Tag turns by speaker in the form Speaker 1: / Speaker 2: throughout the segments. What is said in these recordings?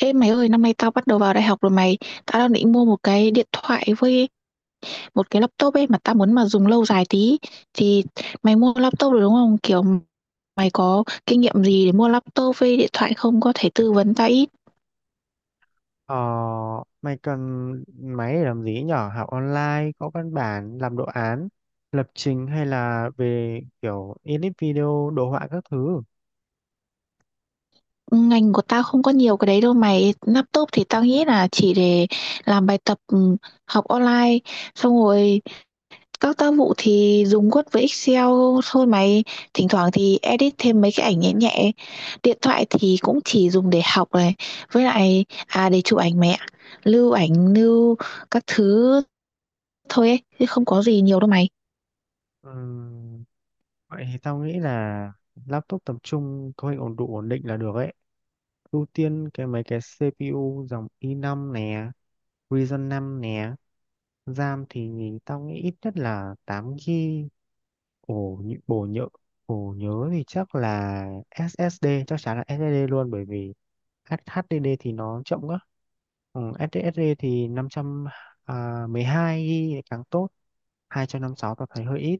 Speaker 1: Ê mày ơi, năm nay tao bắt đầu vào đại học rồi mày. Tao đang định mua một cái điện thoại với một cái laptop ấy, mà tao muốn mà dùng lâu dài tí. Thì mày mua laptop rồi đúng không? Kiểu mày có kinh nghiệm gì để mua laptop với điện thoại không? Có thể tư vấn tao ít.
Speaker 2: Ờ, mày cần máy để làm gì nhở? Học online, có văn bản, làm đồ án, lập trình hay là về kiểu edit video, đồ họa các thứ.
Speaker 1: Ngành của tao không có nhiều cái đấy đâu mày. Laptop thì tao nghĩ là chỉ để làm bài tập học online. Xong rồi, các tác vụ thì dùng Word với Excel thôi mày, thỉnh thoảng thì edit thêm mấy cái ảnh nhẹ nhẹ. Điện thoại thì cũng chỉ dùng để học này, với lại để chụp ảnh mẹ, lưu ảnh, lưu các thứ thôi ấy, chứ không có gì nhiều đâu mày.
Speaker 2: Ừm, vậy thì tao nghĩ là laptop tầm trung có hình ổn đủ ổn định là được ấy. Ưu tiên mấy cái CPU dòng i5 nè, Ryzen 5 nè. RAM thì tao nghĩ ít nhất là 8 GB. Ồ, nhớ, ồ nhớ, ồ, nhớ, thì chắc là SSD, chắc chắn là SSD luôn, bởi vì HDD thì nó chậm quá. SSD thì 512 GB càng tốt, 256 tao thấy hơi ít.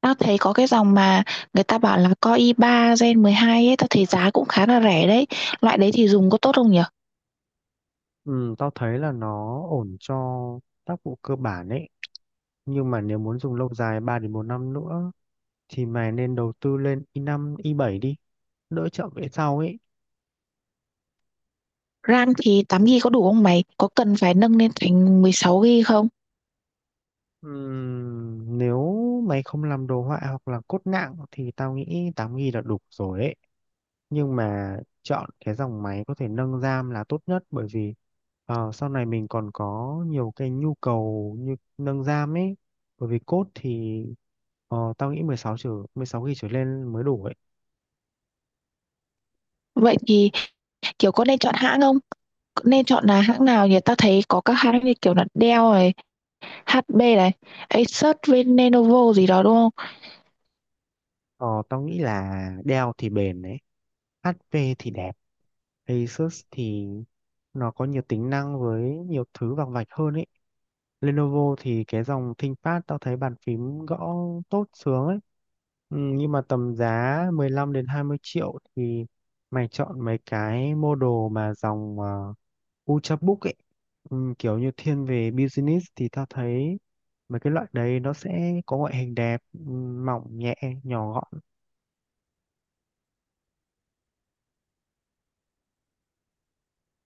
Speaker 1: Tao thấy có cái dòng mà người ta bảo là Core i3 Gen 12 ấy, tao thấy giá cũng khá là rẻ đấy. Loại đấy thì dùng có tốt không nhỉ?
Speaker 2: Ừ, tao thấy là nó ổn cho tác vụ cơ bản ấy. Nhưng mà nếu muốn dùng lâu dài 3 đến 4 năm nữa thì mày nên đầu tư lên i5, i7 đi, đỡ chậm về sau ấy.
Speaker 1: RAM thì 8 GB có đủ không mày? Có cần phải nâng lên thành 16 GB không?
Speaker 2: Nếu mày không làm đồ họa hoặc là cốt nặng thì tao nghĩ 8 GB là đủ rồi ấy. Nhưng mà chọn cái dòng máy có thể nâng RAM là tốt nhất, bởi vì sau này mình còn có nhiều cái nhu cầu như nâng RAM ấy. Bởi vì cốt thì tao nghĩ 16 trở 16 GB trở lên mới đủ ấy.
Speaker 1: Vậy thì, kiểu, có nên chọn hãng không? Nên chọn là hãng nào nhỉ? Tao thấy có các hãng như kiểu là Dell này, HP này, Asus với Lenovo gì đó đúng không?
Speaker 2: Ờ, tao nghĩ là Dell thì bền đấy, HP thì đẹp, Asus thì nó có nhiều tính năng với nhiều thứ vằng vạch hơn ấy. Lenovo thì cái dòng ThinkPad tao thấy bàn phím gõ tốt sướng ấy. Nhưng mà tầm giá 15 đến 20 triệu thì mày chọn mấy cái model mà dòng Ultrabook ấy. Kiểu như thiên về business thì tao thấy mấy cái loại đấy nó sẽ có ngoại hình đẹp, mỏng nhẹ, nhỏ gọn.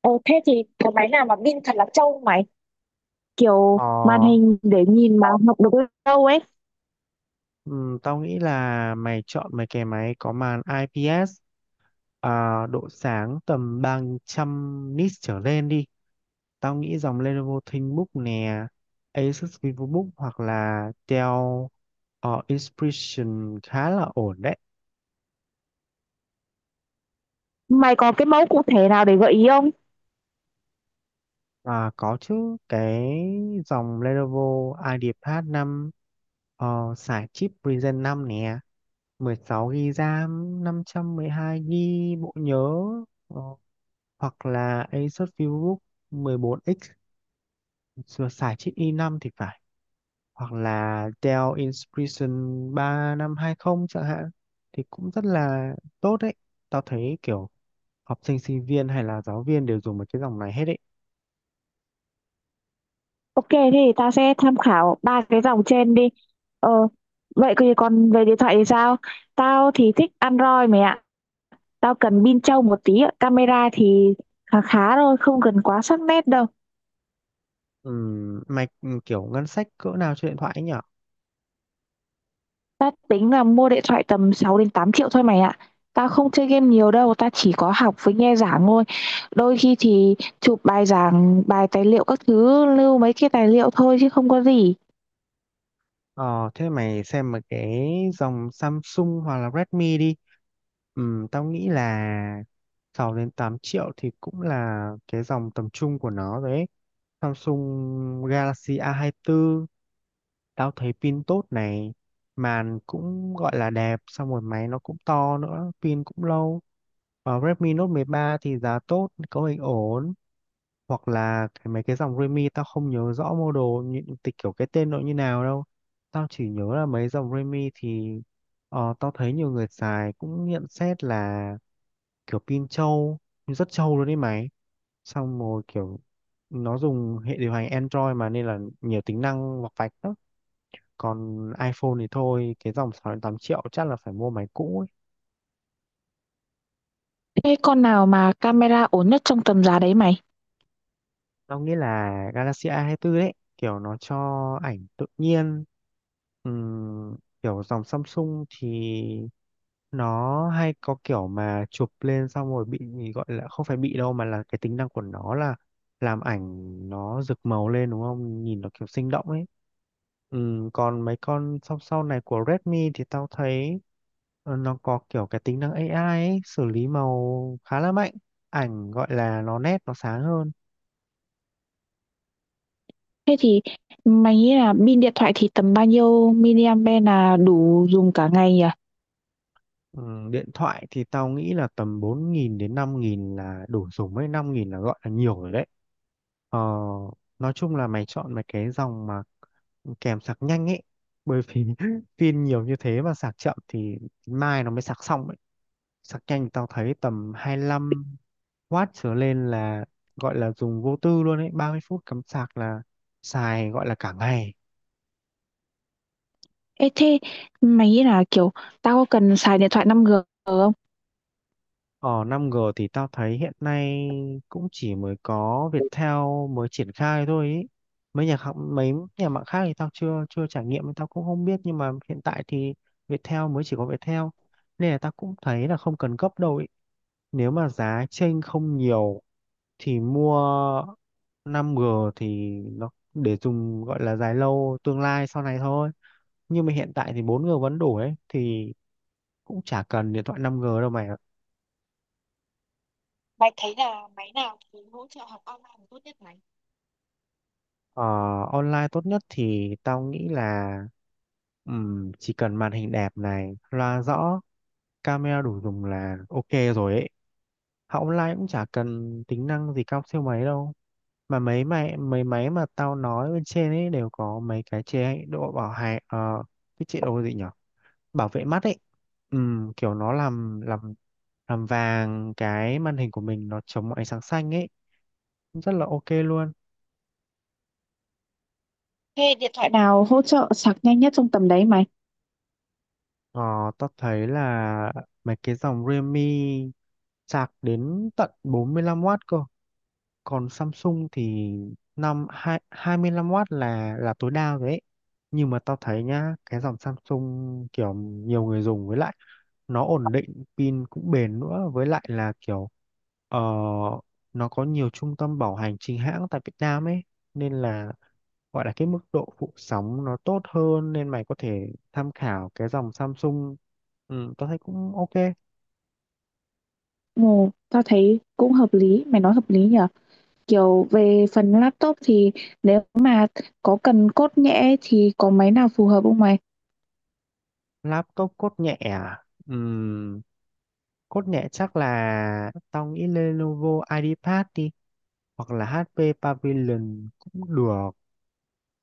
Speaker 1: Ồ, thế thì cái máy nào mà pin thật là trâu mày, kiểu
Speaker 2: Ờ,
Speaker 1: màn hình để nhìn mà học được lâu ấy,
Speaker 2: ừ, tao nghĩ là mày chọn mấy cái máy có màn IPS, à, độ sáng tầm 300 nits trở lên đi. Tao nghĩ dòng Lenovo ThinkBook nè, Asus VivoBook hoặc là Dell, Inspiration khá là ổn đấy.
Speaker 1: mày có cái mẫu cụ thể nào để gợi ý không?
Speaker 2: Và có chứ, cái dòng Lenovo IdeaPad 5, xài chip Ryzen 5 nè, 16 GB RAM, 512 GB bộ nhớ, ờ, hoặc là Asus VivoBook 14X xài chip i5 thì phải. Hoặc là Dell Inspiration ba năm 20 chẳng hạn thì cũng rất là tốt đấy. Tao thấy kiểu học sinh sinh viên hay là giáo viên đều dùng một cái dòng này hết đấy.
Speaker 1: Ok, thì ta sẽ tham khảo ba cái dòng trên đi. Ờ, vậy thì còn về điện thoại thì sao? Tao thì thích Android mày ạ. Tao cần pin trâu một tí ạ. Camera thì khá khá thôi, không cần quá sắc nét đâu.
Speaker 2: Mày kiểu ngân sách cỡ nào cho điện thoại ấy nhở?
Speaker 1: Tao tính là mua điện thoại tầm 6 đến 8 triệu thôi mày ạ. Tao không chơi game nhiều đâu, tao chỉ có học với nghe giảng thôi. Đôi khi thì chụp bài giảng, bài tài liệu các thứ, lưu mấy cái tài liệu thôi chứ không có gì.
Speaker 2: Ờ, thế mày xem một cái dòng Samsung hoặc là Redmi đi. Tao nghĩ là 6 đến 8 triệu thì cũng là cái dòng tầm trung của nó đấy. Samsung Galaxy A24, 24. Tao thấy pin tốt này, màn cũng gọi là đẹp, xong rồi máy nó cũng to nữa, pin cũng lâu. Và Redmi Note 13 thì giá tốt, cấu hình ổn. Hoặc là cái, mấy cái dòng Redmi tao không nhớ rõ model, những tịch kiểu cái tên nó như nào đâu. Tao chỉ nhớ là mấy dòng Redmi thì tao thấy nhiều người xài cũng nhận xét là kiểu pin trâu, rất trâu luôn đấy máy. Xong rồi kiểu nó dùng hệ điều hành Android mà, nên là nhiều tính năng vọc vạch lắm. Còn iPhone thì thôi, cái dòng sáu đến 8 triệu chắc là phải mua máy cũ.
Speaker 1: Thế con nào mà camera ổn nhất trong tầm giá đấy mày?
Speaker 2: Tao nghĩ là Galaxy A24 đấy, kiểu nó cho ảnh tự nhiên. Ừm, kiểu dòng Samsung thì nó hay có kiểu mà chụp lên xong rồi bị, gọi là không phải bị đâu, mà là cái tính năng của nó là làm ảnh nó rực màu lên, đúng không, nhìn nó kiểu sinh động ấy. Còn mấy con sau sau này của Redmi thì tao thấy nó có kiểu cái tính năng AI ấy, xử lý màu khá là mạnh, ảnh gọi là nó nét nó sáng hơn.
Speaker 1: Thế thì mày nghĩ là pin điện thoại thì tầm bao nhiêu miliampe là đủ dùng cả ngày nhỉ?
Speaker 2: Ừ, điện thoại thì tao nghĩ là tầm 4.000 đến 5.000 là đủ dùng, mấy 5.000 là gọi là nhiều rồi đấy. Ờ, nói chung là mày chọn mấy cái dòng mà kèm sạc nhanh ấy. Bởi vì pin nhiều như thế mà sạc chậm thì mai nó mới sạc xong ấy. Sạc nhanh tao thấy tầm 25 W trở lên là gọi là dùng vô tư luôn ấy. 30 phút cắm sạc là xài gọi là cả ngày.
Speaker 1: Ê thế mày nghĩ là kiểu tao có cần xài điện thoại 5G không?
Speaker 2: Ờ 5G thì tao thấy hiện nay cũng chỉ mới có Viettel mới triển khai thôi ý. Mấy nhà khác, mấy nhà mạng khác thì tao chưa chưa trải nghiệm nên tao cũng không biết, nhưng mà hiện tại thì Viettel, mới chỉ có Viettel, nên là tao cũng thấy là không cần gấp đâu ý. Nếu mà giá chênh không nhiều thì mua 5G thì nó để dùng gọi là dài lâu tương lai sau này thôi. Nhưng mà hiện tại thì 4G vẫn đủ ấy, thì cũng chả cần điện thoại 5G đâu mày.
Speaker 1: Mày thấy là máy nào thì hỗ trợ học online tốt nhất mày?
Speaker 2: Ờ, online tốt nhất thì tao nghĩ là chỉ cần màn hình đẹp này, loa rõ, camera đủ dùng là ok rồi ấy. Học online cũng chả cần tính năng gì cao siêu mấy đâu. Mà mấy máy mà tao nói bên trên ấy đều có mấy cái chế độ bảo hại, cái chế độ gì nhở? Bảo vệ mắt ấy. Kiểu nó làm vàng cái màn hình của mình, nó chống ánh sáng xanh ấy, rất là ok luôn.
Speaker 1: Thế điện thoại nào hỗ trợ sạc nhanh nhất trong tầm đấy mày?
Speaker 2: Ờ, tao thấy là mấy cái dòng Realme sạc đến tận 45W cơ. Còn Samsung thì 25W là tối đa rồi ấy. Nhưng mà tao thấy nhá, cái dòng Samsung kiểu nhiều người dùng, với lại nó ổn định, pin cũng bền nữa, với lại là kiểu ờ, nó có nhiều trung tâm bảo hành chính hãng tại Việt Nam ấy, nên là gọi là cái mức độ phụ sóng nó tốt hơn, nên mày có thể tham khảo cái dòng Samsung, tao thấy cũng ok.
Speaker 1: Ồ, tao thấy cũng hợp lý, mày nói hợp lý nhỉ? Kiểu về phần laptop thì nếu mà có cần cốt nhẽ thì có máy nào phù hợp không mày?
Speaker 2: Laptop cốt nhẹ à? Ừm, cốt nhẹ chắc là tao nghĩ Lenovo IdeaPad đi, hoặc là HP Pavilion cũng được,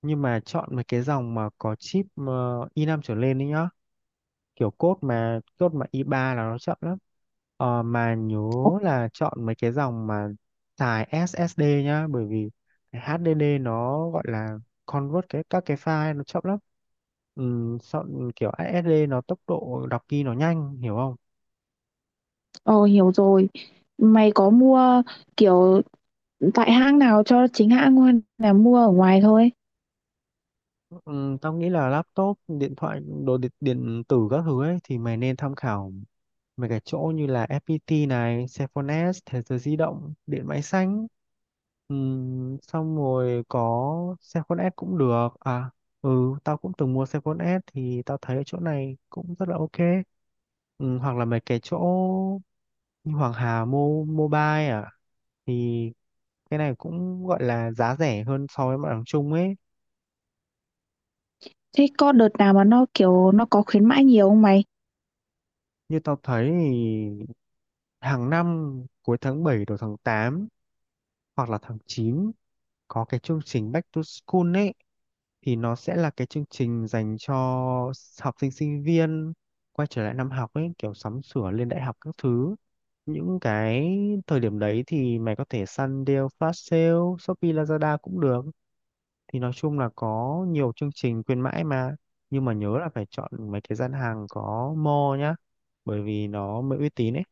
Speaker 2: nhưng mà chọn mấy cái dòng mà có chip i5 trở lên đấy nhá. Kiểu code mà i3 là nó chậm lắm. Mà nhớ là chọn mấy cái dòng mà xài SSD nhá, bởi vì cái HDD nó gọi là convert cái các cái file nó chậm lắm. Chọn kiểu SSD nó tốc độ đọc ghi nó nhanh, hiểu không?
Speaker 1: Ờ, hiểu rồi. Mày có mua kiểu tại hãng nào cho chính hãng không, hay là mua ở ngoài thôi?
Speaker 2: Tao nghĩ là laptop điện thoại đồ điện, điện tử các thứ ấy thì mày nên tham khảo mấy cái chỗ như là FPT này, Cellphone S, Thế giới di động, điện máy xanh. Xong rồi có xe con S cũng được, à, ừ tao cũng từng mua xe con S thì tao thấy ở chỗ này cũng rất là ok. Hoặc là mấy cái chỗ như Hoàng Hà Mobile, à, thì cái này cũng gọi là giá rẻ hơn so với mặt bằng chung ấy.
Speaker 1: Thế có đợt nào mà nó kiểu nó có khuyến mãi nhiều không mày?
Speaker 2: Như tao thấy thì hàng năm cuối tháng 7 đầu tháng 8 hoặc là tháng 9 có cái chương trình Back to School ấy, thì nó sẽ là cái chương trình dành cho học sinh sinh viên quay trở lại năm học ấy, kiểu sắm sửa lên đại học các thứ. Những cái thời điểm đấy thì mày có thể săn deal flash sale Shopee Lazada cũng được, thì nói chung là có nhiều chương trình khuyến mãi mà, nhưng mà nhớ là phải chọn mấy cái gian hàng có mall nhá, bởi vì nó mới uy tín ấy.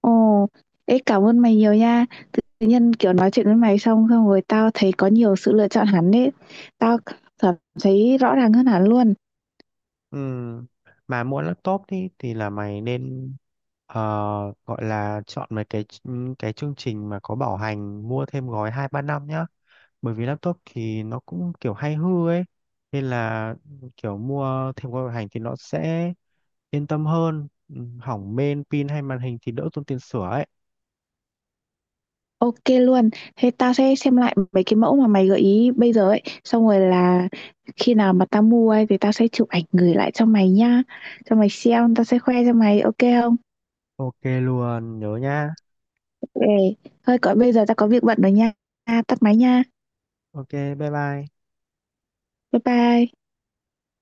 Speaker 1: Ồ, ê cảm ơn mày nhiều nha. Tự nhiên kiểu nói chuyện với mày xong xong rồi tao thấy có nhiều sự lựa chọn hẳn đấy. Tao cảm thấy rõ ràng hơn hẳn luôn.
Speaker 2: Ừ. Mà mua laptop thì là mày nên ờ, gọi là chọn mấy cái cái chương trình mà có bảo hành, mua thêm gói 2, 3 năm nhá. Bởi vì laptop thì nó cũng kiểu hay hư ấy, nên là kiểu mua thêm gói bảo hành thì nó sẽ yên tâm hơn. Ừ, Hỏng main pin hay màn hình thì đỡ tốn tiền sửa ấy.
Speaker 1: Ok luôn. Thế tao sẽ xem lại mấy cái mẫu mà mày gợi ý bây giờ ấy. Xong rồi là khi nào mà tao mua ấy thì tao sẽ chụp ảnh gửi lại cho mày nha, cho mày xem, tao sẽ khoe cho mày. Ok không?
Speaker 2: Ok luôn, nhớ nha.
Speaker 1: Ok. Thôi còn bây giờ tao có việc bận rồi nha. Tắt máy nha.
Speaker 2: Ok, bye bye.
Speaker 1: Bye bye.